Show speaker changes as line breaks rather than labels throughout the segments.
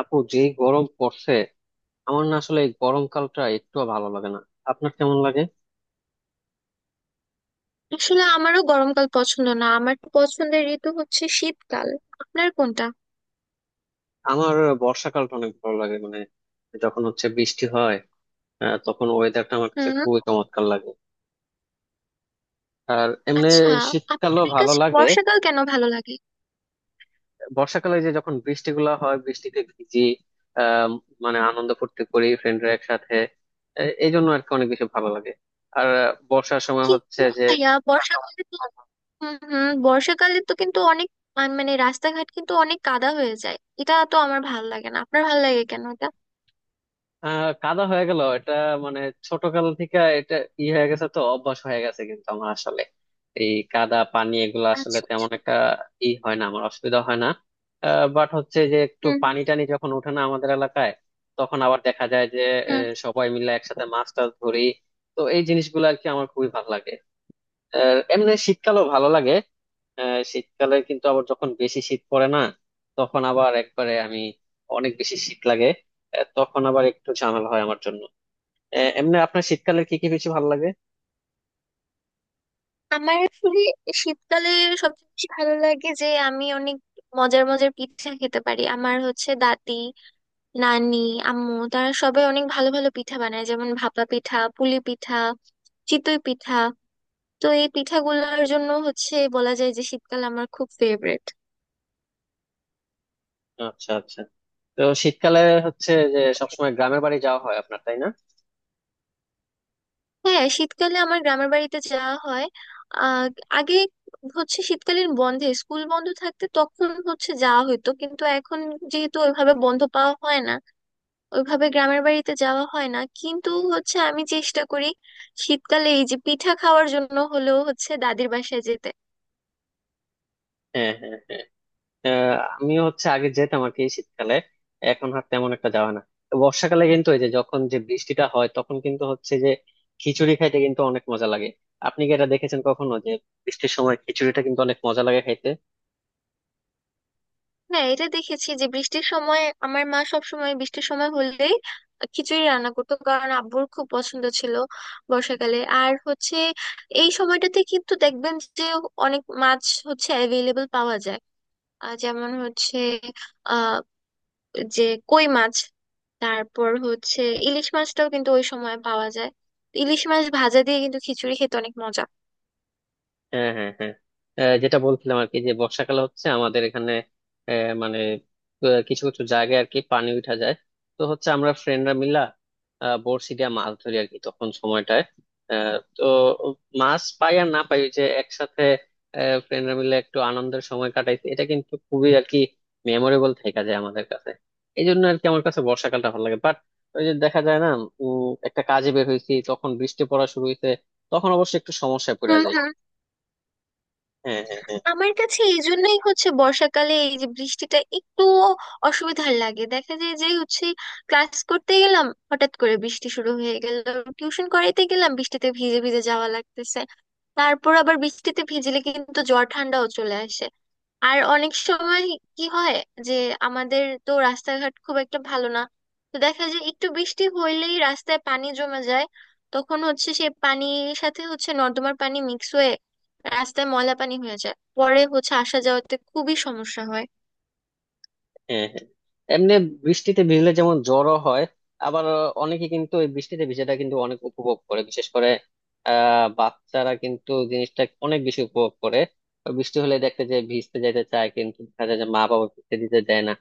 আপু যেই গরম পড়ছে। আমার না আসলে এই গরমকালটা একটু ভালো লাগে না। আপনার কেমন লাগে?
আসলে আমারও গরমকাল পছন্দ না। আমার তো পছন্দের ঋতু হচ্ছে শীতকাল। আপনার কোনটা?
আমার বর্ষাকালটা অনেক ভালো লাগে, মানে যখন হচ্ছে বৃষ্টি হয়। তখন ওয়েদারটা আমার কাছে
হুম।
খুবই চমৎকার লাগে। আর এমনি
আচ্ছা,
শীতকালও
আপনার
ভালো
কাছে
লাগে।
বর্ষাকাল কেন ভালো লাগে?
বর্ষাকালে যে যখন বৃষ্টিগুলো হয় বৃষ্টিতে ভিজি। আহ মানে আনন্দ ফুর্তি করি ফ্রেন্ডরা একসাথে। এই জন্য আর কি অনেক বেশি ভালো লাগে। আর বর্ষার সময়
কি
হচ্ছে যে
ভাইয়া, বর্ষাকালে তো হুম হুম বর্ষাকালে তো কিন্তু অনেক মানে রাস্তাঘাট কিন্তু অনেক কাদা হয়ে যায়। এটা তো আমার ভালো লাগে না, আপনার ভালো লাগে কেন এটা?
আহ কাদা হয়ে গেল এটা, মানে ছোটকাল থেকে এটা ই হয়ে গেছে তো অভ্যাস হয়ে গেছে, কিন্তু আমার আসলে এই কাদা পানি এগুলো আসলে
আচ্ছা
তেমন
আচ্ছা
একটা ই হয় না, আমার অসুবিধা হয় না। বাট হচ্ছে যে একটু
হুম
পানি টানি যখন ওঠে না আমাদের এলাকায়, তখন আবার দেখা যায় যে
হুম
সবাই মিলে একসাথে মাছ টাছ ধরি। তো এই জিনিসগুলো আর কি আমার খুবই ভালো লাগে। এমনি শীতকালও ভালো লাগে। শীতকালে কিন্তু আবার যখন বেশি শীত পড়ে না, তখন আবার একবারে আমি অনেক বেশি শীত লাগে। তখন আবার একটু ঝামেলা হয় আমার জন্য। এমনি আপনার শীতকালে কি কি বেশি ভালো লাগে?
আমার আসলে শীতকালে সবচেয়ে বেশি ভালো লাগে যে আমি অনেক মজার মজার পিঠা খেতে পারি। আমার হচ্ছে দাদি, নানি, আম্মু, তারা সবাই অনেক ভালো ভালো পিঠা বানায়, যেমন ভাপা পিঠা, পুলি পিঠা, চিতই পিঠা। তো এই পিঠাগুলোর জন্য হচ্ছে বলা যায় যে শীতকাল আমার খুব ফেভারেট।
আচ্ছা আচ্ছা। তো শীতকালে হচ্ছে যে সবসময় গ্রামের বাড়ি যাওয়া হয় আপনার, তাই না?
হ্যাঁ, শীতকালে আমার গ্রামের বাড়িতে যাওয়া হয়। আহ আগে হচ্ছে শীতকালীন বন্ধে স্কুল বন্ধ থাকতে তখন হচ্ছে যাওয়া হতো, কিন্তু এখন যেহেতু ওইভাবে বন্ধ পাওয়া হয় না, ওইভাবে গ্রামের বাড়িতে যাওয়া হয় না, কিন্তু হচ্ছে আমি চেষ্টা করি শীতকালে এই যে পিঠা খাওয়ার জন্য হলেও হচ্ছে দাদির বাসায় যেতে।
হ্যাঁ, হ্যাঁ, হ্যাঁ। আহ, আমিও হচ্ছে আগে যেতাম আর কি শীতকালে, এখন আর তেমন একটা যাওয়া না। তো বর্ষাকালে কিন্তু এই যে যখন যে বৃষ্টিটা হয় তখন কিন্তু হচ্ছে যে খিচুড়ি খাইতে কিন্তু অনেক মজা লাগে। আপনি কি এটা দেখেছেন কখনো যে বৃষ্টির সময় খিচুড়িটা কিন্তু অনেক মজা লাগে খাইতে?
হ্যাঁ, এটা দেখেছি যে বৃষ্টির সময় আমার মা সব সময় বৃষ্টির সময় হলেই খিচুড়ি রান্না করতো, কারণ আব্বুর খুব পছন্দ ছিল। বর্ষাকালে আর হচ্ছে এই সময়টাতে কিন্তু দেখবেন যে অনেক মাছ হচ্ছে অ্যাভেলেবল পাওয়া যায়। যেমন হচ্ছে আহ যে কই মাছ, তারপর হচ্ছে ইলিশ মাছটাও কিন্তু ওই সময় পাওয়া যায়। ইলিশ মাছ ভাজা দিয়ে কিন্তু খিচুড়ি খেতে অনেক মজা।
হ্যাঁ, হ্যাঁ, হ্যাঁ। যেটা বলছিলাম আর কি যে বর্ষাকালে হচ্ছে আমাদের এখানে আহ, মানে কিছু কিছু জায়গায় আর কি পানি উঠা যায়। তো হচ্ছে আমরা ফ্রেন্ডরা মিলা বড়শি দিয়ে মাছ ধরি আর কি তখন সময়টায়। তো মাছ পাই আর না পাই ওই যে একসাথে ফ্রেন্ডরা মিলে একটু আনন্দের সময় কাটাইছি, এটা কিন্তু খুবই আর কি মেমোরেবল থেকে যায় আমাদের কাছে। এই জন্য আর কি আমার কাছে বর্ষাকালটা ভালো লাগে। বাট ওই যে দেখা যায় না, একটা কাজে বের হয়েছি তখন বৃষ্টি পড়া শুরু হয়েছে, তখন অবশ্য একটু সমস্যায় পড়ে যায়। হ্যাঁ, হ্যাঁ, হ্যাঁ,
আমার কাছে এই জন্যই হচ্ছে বর্ষাকালে এই যে বৃষ্টিটা একটু অসুবিধার লাগে। দেখা যায় যে হচ্ছে ক্লাস করতে গেলাম, হঠাৎ করে বৃষ্টি শুরু হয়ে গেল। টিউশন করাইতে গেলাম, বৃষ্টিতে ভিজে ভিজে যাওয়া লাগতেছে। তারপর আবার বৃষ্টিতে ভিজলে কিন্তু জ্বর ঠান্ডাও চলে আসে। আর অনেক সময় কি হয় যে আমাদের তো রাস্তাঘাট খুব একটা ভালো না, তো দেখা যায় একটু বৃষ্টি হইলেই রাস্তায় পানি জমে যায়। তখন হচ্ছে সেই পানির সাথে হচ্ছে নর্দমার পানি মিক্স হয়ে রাস্তায় ময়লা পানি হয়ে যায়, পরে হচ্ছে আসা যাওয়াতে খুবই সমস্যা হয়।
হ্যাঁ, হ্যাঁ। এমনি বৃষ্টিতে ভিজলে যেমন জ্বরও হয়, আবার অনেকে কিন্তু এই বৃষ্টিতে ভিজাটা কিন্তু অনেক উপভোগ করে, বিশেষ করে আহ বাচ্চারা কিন্তু জিনিসটা অনেক বেশি উপভোগ করে। বৃষ্টি হলে দেখতে যে ভিজতে যেতে চায়, কিন্তু দেখা যায় যে মা বাবা ভিজতে দিতে দেয় না।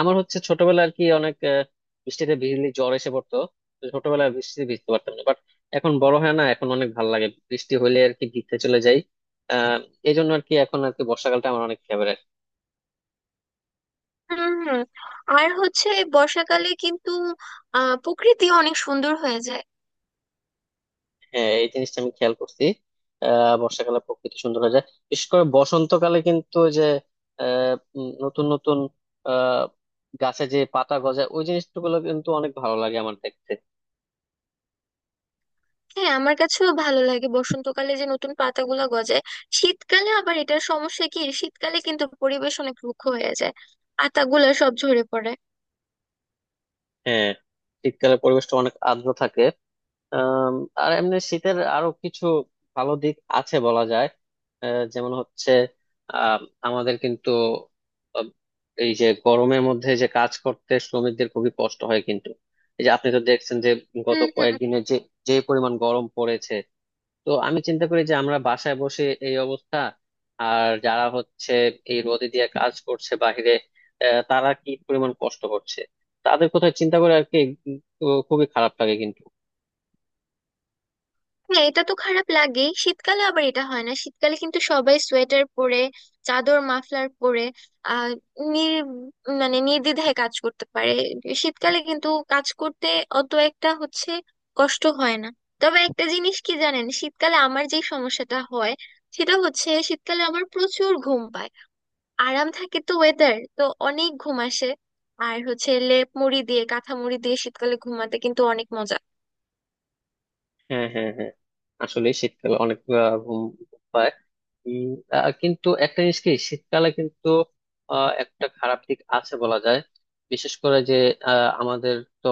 আমার হচ্ছে ছোটবেলা আর কি অনেক বৃষ্টিতে ভিজলে জ্বর এসে পড়তো। তো ছোটবেলায় বৃষ্টিতে ভিজতে পারতাম না, বাট এখন বড় হয় না, এখন অনেক ভালো লাগে বৃষ্টি হলে আর কি ভিজতে চলে যাই। আহ এই জন্য আর কি এখন আর কি বর্ষাকালটা আমার অনেক ফেভারিট।
হুম হুম আর হচ্ছে বর্ষাকালে কিন্তু প্রকৃতি অনেক সুন্দর হয়ে যায়।
হ্যাঁ, এই জিনিসটা আমি খেয়াল করছি। আহ বর্ষাকালে প্রকৃতি সুন্দর হয়ে যায়, বিশেষ করে বসন্তকালে কিন্তু ওই যে নতুন নতুন আহ গাছে যে পাতা গজায় ওই জিনিসগুলো কিন্তু অনেক ভালো লাগে আমার দেখতে।
হ্যাঁ, আমার কাছেও ভালো লাগে বসন্তকালে যে নতুন পাতাগুলো গজায়। শীতকালে আবার এটার সমস্যা কি, শীতকালে কিন্তু পরিবেশ অনেক রুক্ষ হয়ে যায়, পাতাগুলো সব ঝরে পড়ে।
হ্যাঁ, শীতকালে পরিবেশটা অনেক আর্দ্র থাকে। আম, আর এমনি শীতের আরো কিছু ভালো দিক আছে বলা যায়। যেমন হচ্ছে আম, আমাদের কিন্তু আম, এই যে গরমের মধ্যে যে কাজ করতে শ্রমিকদের খুবই কষ্ট হয় কিন্তু। এই যে আপনি তো দেখছেন যে গত
হুম হুম
কয়েকদিনে যে যে পরিমাণ গরম পড়েছে, তো আমি চিন্তা করি যে আমরা বাসায় বসে এই অবস্থা, আর যারা হচ্ছে এই রোদে দিয়ে কাজ করছে বাহিরে তারা কি পরিমাণ কষ্ট করছে, তাদের কথা চিন্তা করে আর কি খুবই খারাপ লাগে কিন্তু।
হ্যাঁ, এটা তো খারাপ লাগে। শীতকালে আবার এটা হয় না, শীতকালে কিন্তু সবাই সোয়েটার পরে, চাদর মাফলার পরে। আহ নির মানে নির্দ্বিধায় কাজ করতে পারে। শীতকালে কিন্তু কাজ করতে অত একটা হচ্ছে কষ্ট হয় না। তবে একটা জিনিস কি জানেন, শীতকালে আমার যে সমস্যাটা হয় সেটা হচ্ছে শীতকালে আমার প্রচুর ঘুম পায়। আরাম থাকে তো ওয়েদার, তো অনেক ঘুম আসে। আর হচ্ছে লেপ মুড়ি দিয়ে কাঁথা মুড়ি দিয়ে শীতকালে ঘুমাতে কিন্তু অনেক মজা।
হ্যাঁ, হ্যাঁ, হ্যাঁ। আসলে শীতকালে অনেক আহ, ঘুম ঘুম পায়। উম, কিন্তু একটা জিনিস কি শীতকালে কিন্তু একটা খারাপ দিক আছে বলা যায়। বিশেষ করে যে আমাদের তো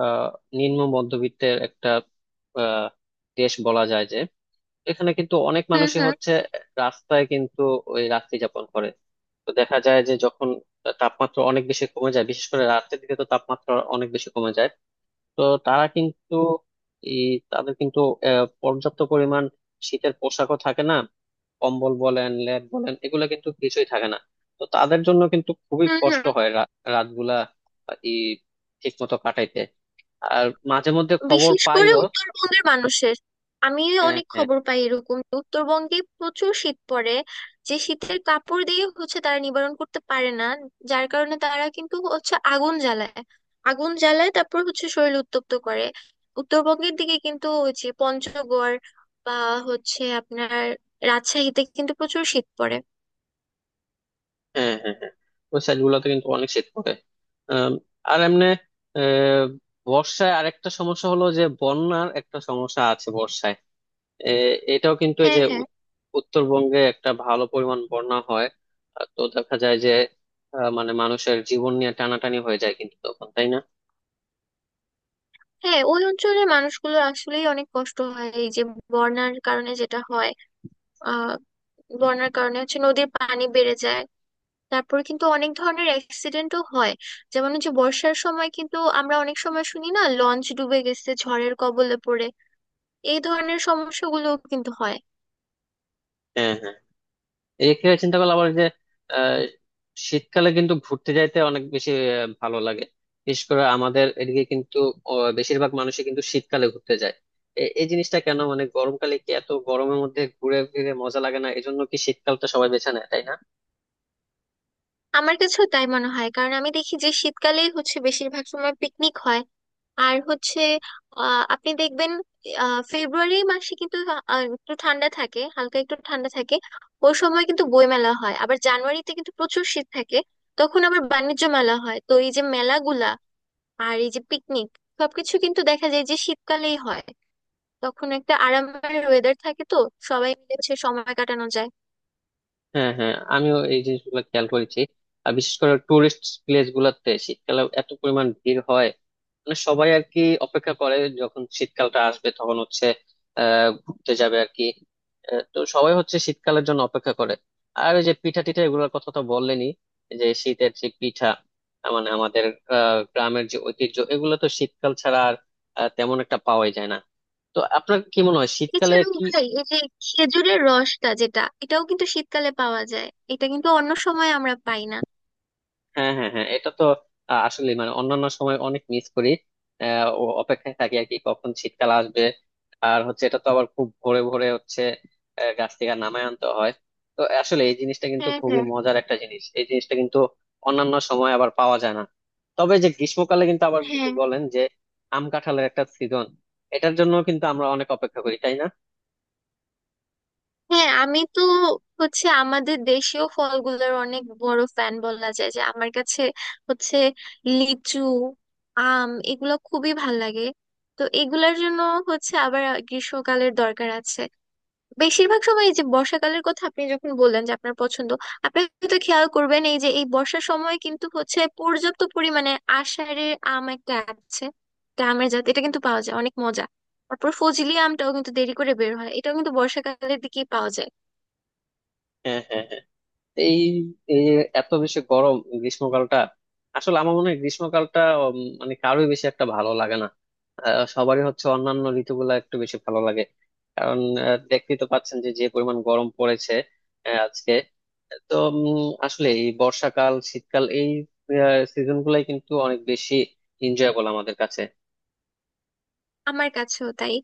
আহ, নিম্ন মধ্যবিত্তের একটা আহ, দেশ বলা যায় যে এখানে কিন্তু অনেক
হুম
মানুষই
হুম
হচ্ছে রাস্তায় কিন্তু ওই রাত্রি যাপন করে। তো দেখা যায় যে যখন তাপমাত্রা অনেক বেশি কমে যায়, বিশেষ করে রাতের দিকে তো তাপমাত্রা অনেক বেশি কমে যায়, তো তারা কিন্তু এই তাদের কিন্তু পর্যাপ্ত পরিমাণ শীতের পোশাকও থাকে না, কম্বল বলেন লেপ বলেন এগুলো কিন্তু কিছুই থাকে না। তো তাদের জন্য কিন্তু খুবই
হুম
কষ্ট
হুম
হয় রাতগুলা এই ঠিক মতো কাটাইতে। আর মাঝে মধ্যে খবর
বিশেষ করে
পাইও।
উত্তরবঙ্গের মানুষের আমি
হ্যাঁ,
অনেক
হ্যাঁ,
খবর পাই এরকম যে উত্তরবঙ্গে প্রচুর শীত পড়ে, যে শীতের কাপড় দিয়ে হচ্ছে তারা নিবারণ করতে পারে না, যার কারণে তারা কিন্তু হচ্ছে আগুন জ্বালায়। আগুন জ্বালায়, তারপর হচ্ছে শরীর উত্তপ্ত করে। উত্তরবঙ্গের দিকে কিন্তু ওই যে পঞ্চগড় বা হচ্ছে আপনার রাজশাহীতে কিন্তু প্রচুর শীত পড়ে।
হ্যাঁ, হ্যাঁ, হ্যাঁ। ওই সাইড গুলোতে কিন্তু অনেক শীত পড়ে। আম, আর এমনি আহ, বর্ষায় আরেকটা সমস্যা হলো যে বন্যার একটা সমস্যা আছে বর্ষায়। এটাও কিন্তু এই
হ্যাঁ
যে
হ্যাঁ
উত্তরবঙ্গে একটা ভালো পরিমাণ বন্যা হয়। তো দেখা যায় যে মানে মানুষের জীবন নিয়ে টানাটানি হয়ে যায় কিন্তু তখন, তাই না?
হ্যাঁ, ওই অঞ্চলের মানুষগুলো আসলেই অনেক কষ্ট হয় এই যে বন্যার কারণে। যেটা হয় বন্যার কারণে হচ্ছে নদীর পানি বেড়ে যায়, তারপর কিন্তু অনেক ধরনের অ্যাক্সিডেন্টও হয়। যেমন হচ্ছে বর্ষার সময় কিন্তু আমরা অনেক সময় শুনি না, লঞ্চ ডুবে গেছে ঝড়ের কবলে পড়ে। এই ধরনের সমস্যাগুলো কিন্তু হয়।
হ্যাঁ, হ্যাঁ। এই ক্ষেত্রে চিন্তা করলে আবার যে আহ, শীতকালে কিন্তু ঘুরতে যাইতে অনেক বেশি ভালো লাগে। বিশেষ করে আমাদের এদিকে কিন্তু বেশিরভাগ মানুষই কিন্তু শীতকালে ঘুরতে যায়। এই জিনিসটা কেন, মানে গরমকালে কি এত গরমের মধ্যে ঘুরে ফিরে মজা লাগে না, এই জন্য কি শীতকালটা সবাই বেছে নেয়, তাই না?
আমার কাছেও তাই মনে হয়, কারণ আমি দেখি যে শীতকালেই হচ্ছে বেশিরভাগ সময় পিকনিক হয়। আর হচ্ছে আপনি দেখবেন ফেব্রুয়ারি মাসে কিন্তু একটু ঠান্ডা থাকে, হালকা একটু ঠান্ডা থাকে। ওই সময় কিন্তু বই মেলা হয়। আবার জানুয়ারিতে কিন্তু প্রচুর শীত থাকে, তখন আবার বাণিজ্য মেলা হয়। তো এই যে মেলাগুলা আর এই যে পিকনিক, সবকিছু কিন্তু দেখা যায় যে শীতকালেই হয়। তখন একটা আরামের ওয়েদার থাকে তো, সবাই মিলে হচ্ছে সময় কাটানো যায়।
হ্যাঁ, হ্যাঁ, আমিও এই জিনিসগুলো খেয়াল করেছি। আর বিশেষ করে টুরিস্ট প্লেস গুলাতে শীতকালে এত পরিমাণ ভিড় হয়, মানে সবাই আর কি অপেক্ষা করে যখন শীতকালটা আসবে তখন হচ্ছে আহ ঘুরতে যাবে আর কি। তো সবাই হচ্ছে শীতকালের জন্য অপেক্ষা করে। আর ওই যে পিঠা টিঠা এগুলোর কথা তো বললেনই, যে শীতের যে পিঠা মানে আমাদের আহ গ্রামের যে ঐতিহ্য এগুলো তো শীতকাল ছাড়া আর তেমন একটা পাওয়াই যায় না। তো আপনার কি মনে হয় শীতকালে
এছাড়াও
কি?
ভাই এই যে খেজুরের রসটা, যেটা এটাও কিন্তু শীতকালে পাওয়া যায়। এটা কিন্তু অন্য সময় আমরা পাই না।
হ্যাঁ, হ্যাঁ, হ্যাঁ, এটা তো আসলে মানে অন্যান্য সময় অনেক মিস করি। ও অপেক্ষায় থাকি আর কি কখন শীতকাল আসবে। আর হচ্ছে এটা তো আবার খুব ভোরে ভোরে হচ্ছে গাছ থেকে নামায় আনতে হয়। তো আসলে এই জিনিসটা কিন্তু
হ্যাঁ
খুবই
হ্যাঁ
মজার একটা জিনিস, এই জিনিসটা কিন্তু অন্যান্য সময় আবার পাওয়া যায় না। তবে যে গ্রীষ্মকালে কিন্তু আবার যদি
হ্যাঁ।
বলেন যে আম কাঁঠালের একটা সিজন, এটার জন্য কিন্তু আমরা অনেক অপেক্ষা করি, তাই না?
হ্যাঁ, আমি তো হচ্ছে আমাদের দেশীয় ফলগুলোর অনেক বড় ফ্যান বলা যায় যে। আমার কাছে হচ্ছে লিচু, আম, এগুলো খুবই ভাল লাগে। তো এগুলোর জন্য হচ্ছে আবার গ্রীষ্মকালের দরকার আছে। বেশিরভাগ সময় এই যে বর্ষাকালের কথা আপনি যখন বললেন যে আপনার পছন্দ, আপনি তো খেয়াল করবেন এই যে এই বর্ষার সময় কিন্তু হচ্ছে পর্যাপ্ত পরিমাণে আষাঢ়ের আম একটা আছে, একটা আমের জাত, এটা কিন্তু পাওয়া যায়, অনেক মজা। তারপর ফজলি আমটাও কিন্তু দেরি করে বের হয়, এটাও কিন্তু বর্ষাকালের দিকেই পাওয়া যায়।
হ্যাঁ, হ্যাঁ, হ্যাঁ। এই এই যে এত বেশি গরম গ্রীষ্মকালটা, আসলে আমার মনে হয় গ্রীষ্মকালটা মানে কারোই বেশি একটা ভালো লাগে না। সবারই হচ্ছে অন্যান্য ঋতুগুলা একটু বেশি ভালো লাগে। কারণ দেখতেই তো পাচ্ছেন যে যে পরিমাণ গরম পড়েছে আজকে। তো আসলে এই বর্ষাকাল শীতকাল এই সিজন গুলাই কিন্তু অনেক বেশি এনজয়েবল আমাদের কাছে।
আমার কাছেও তাই।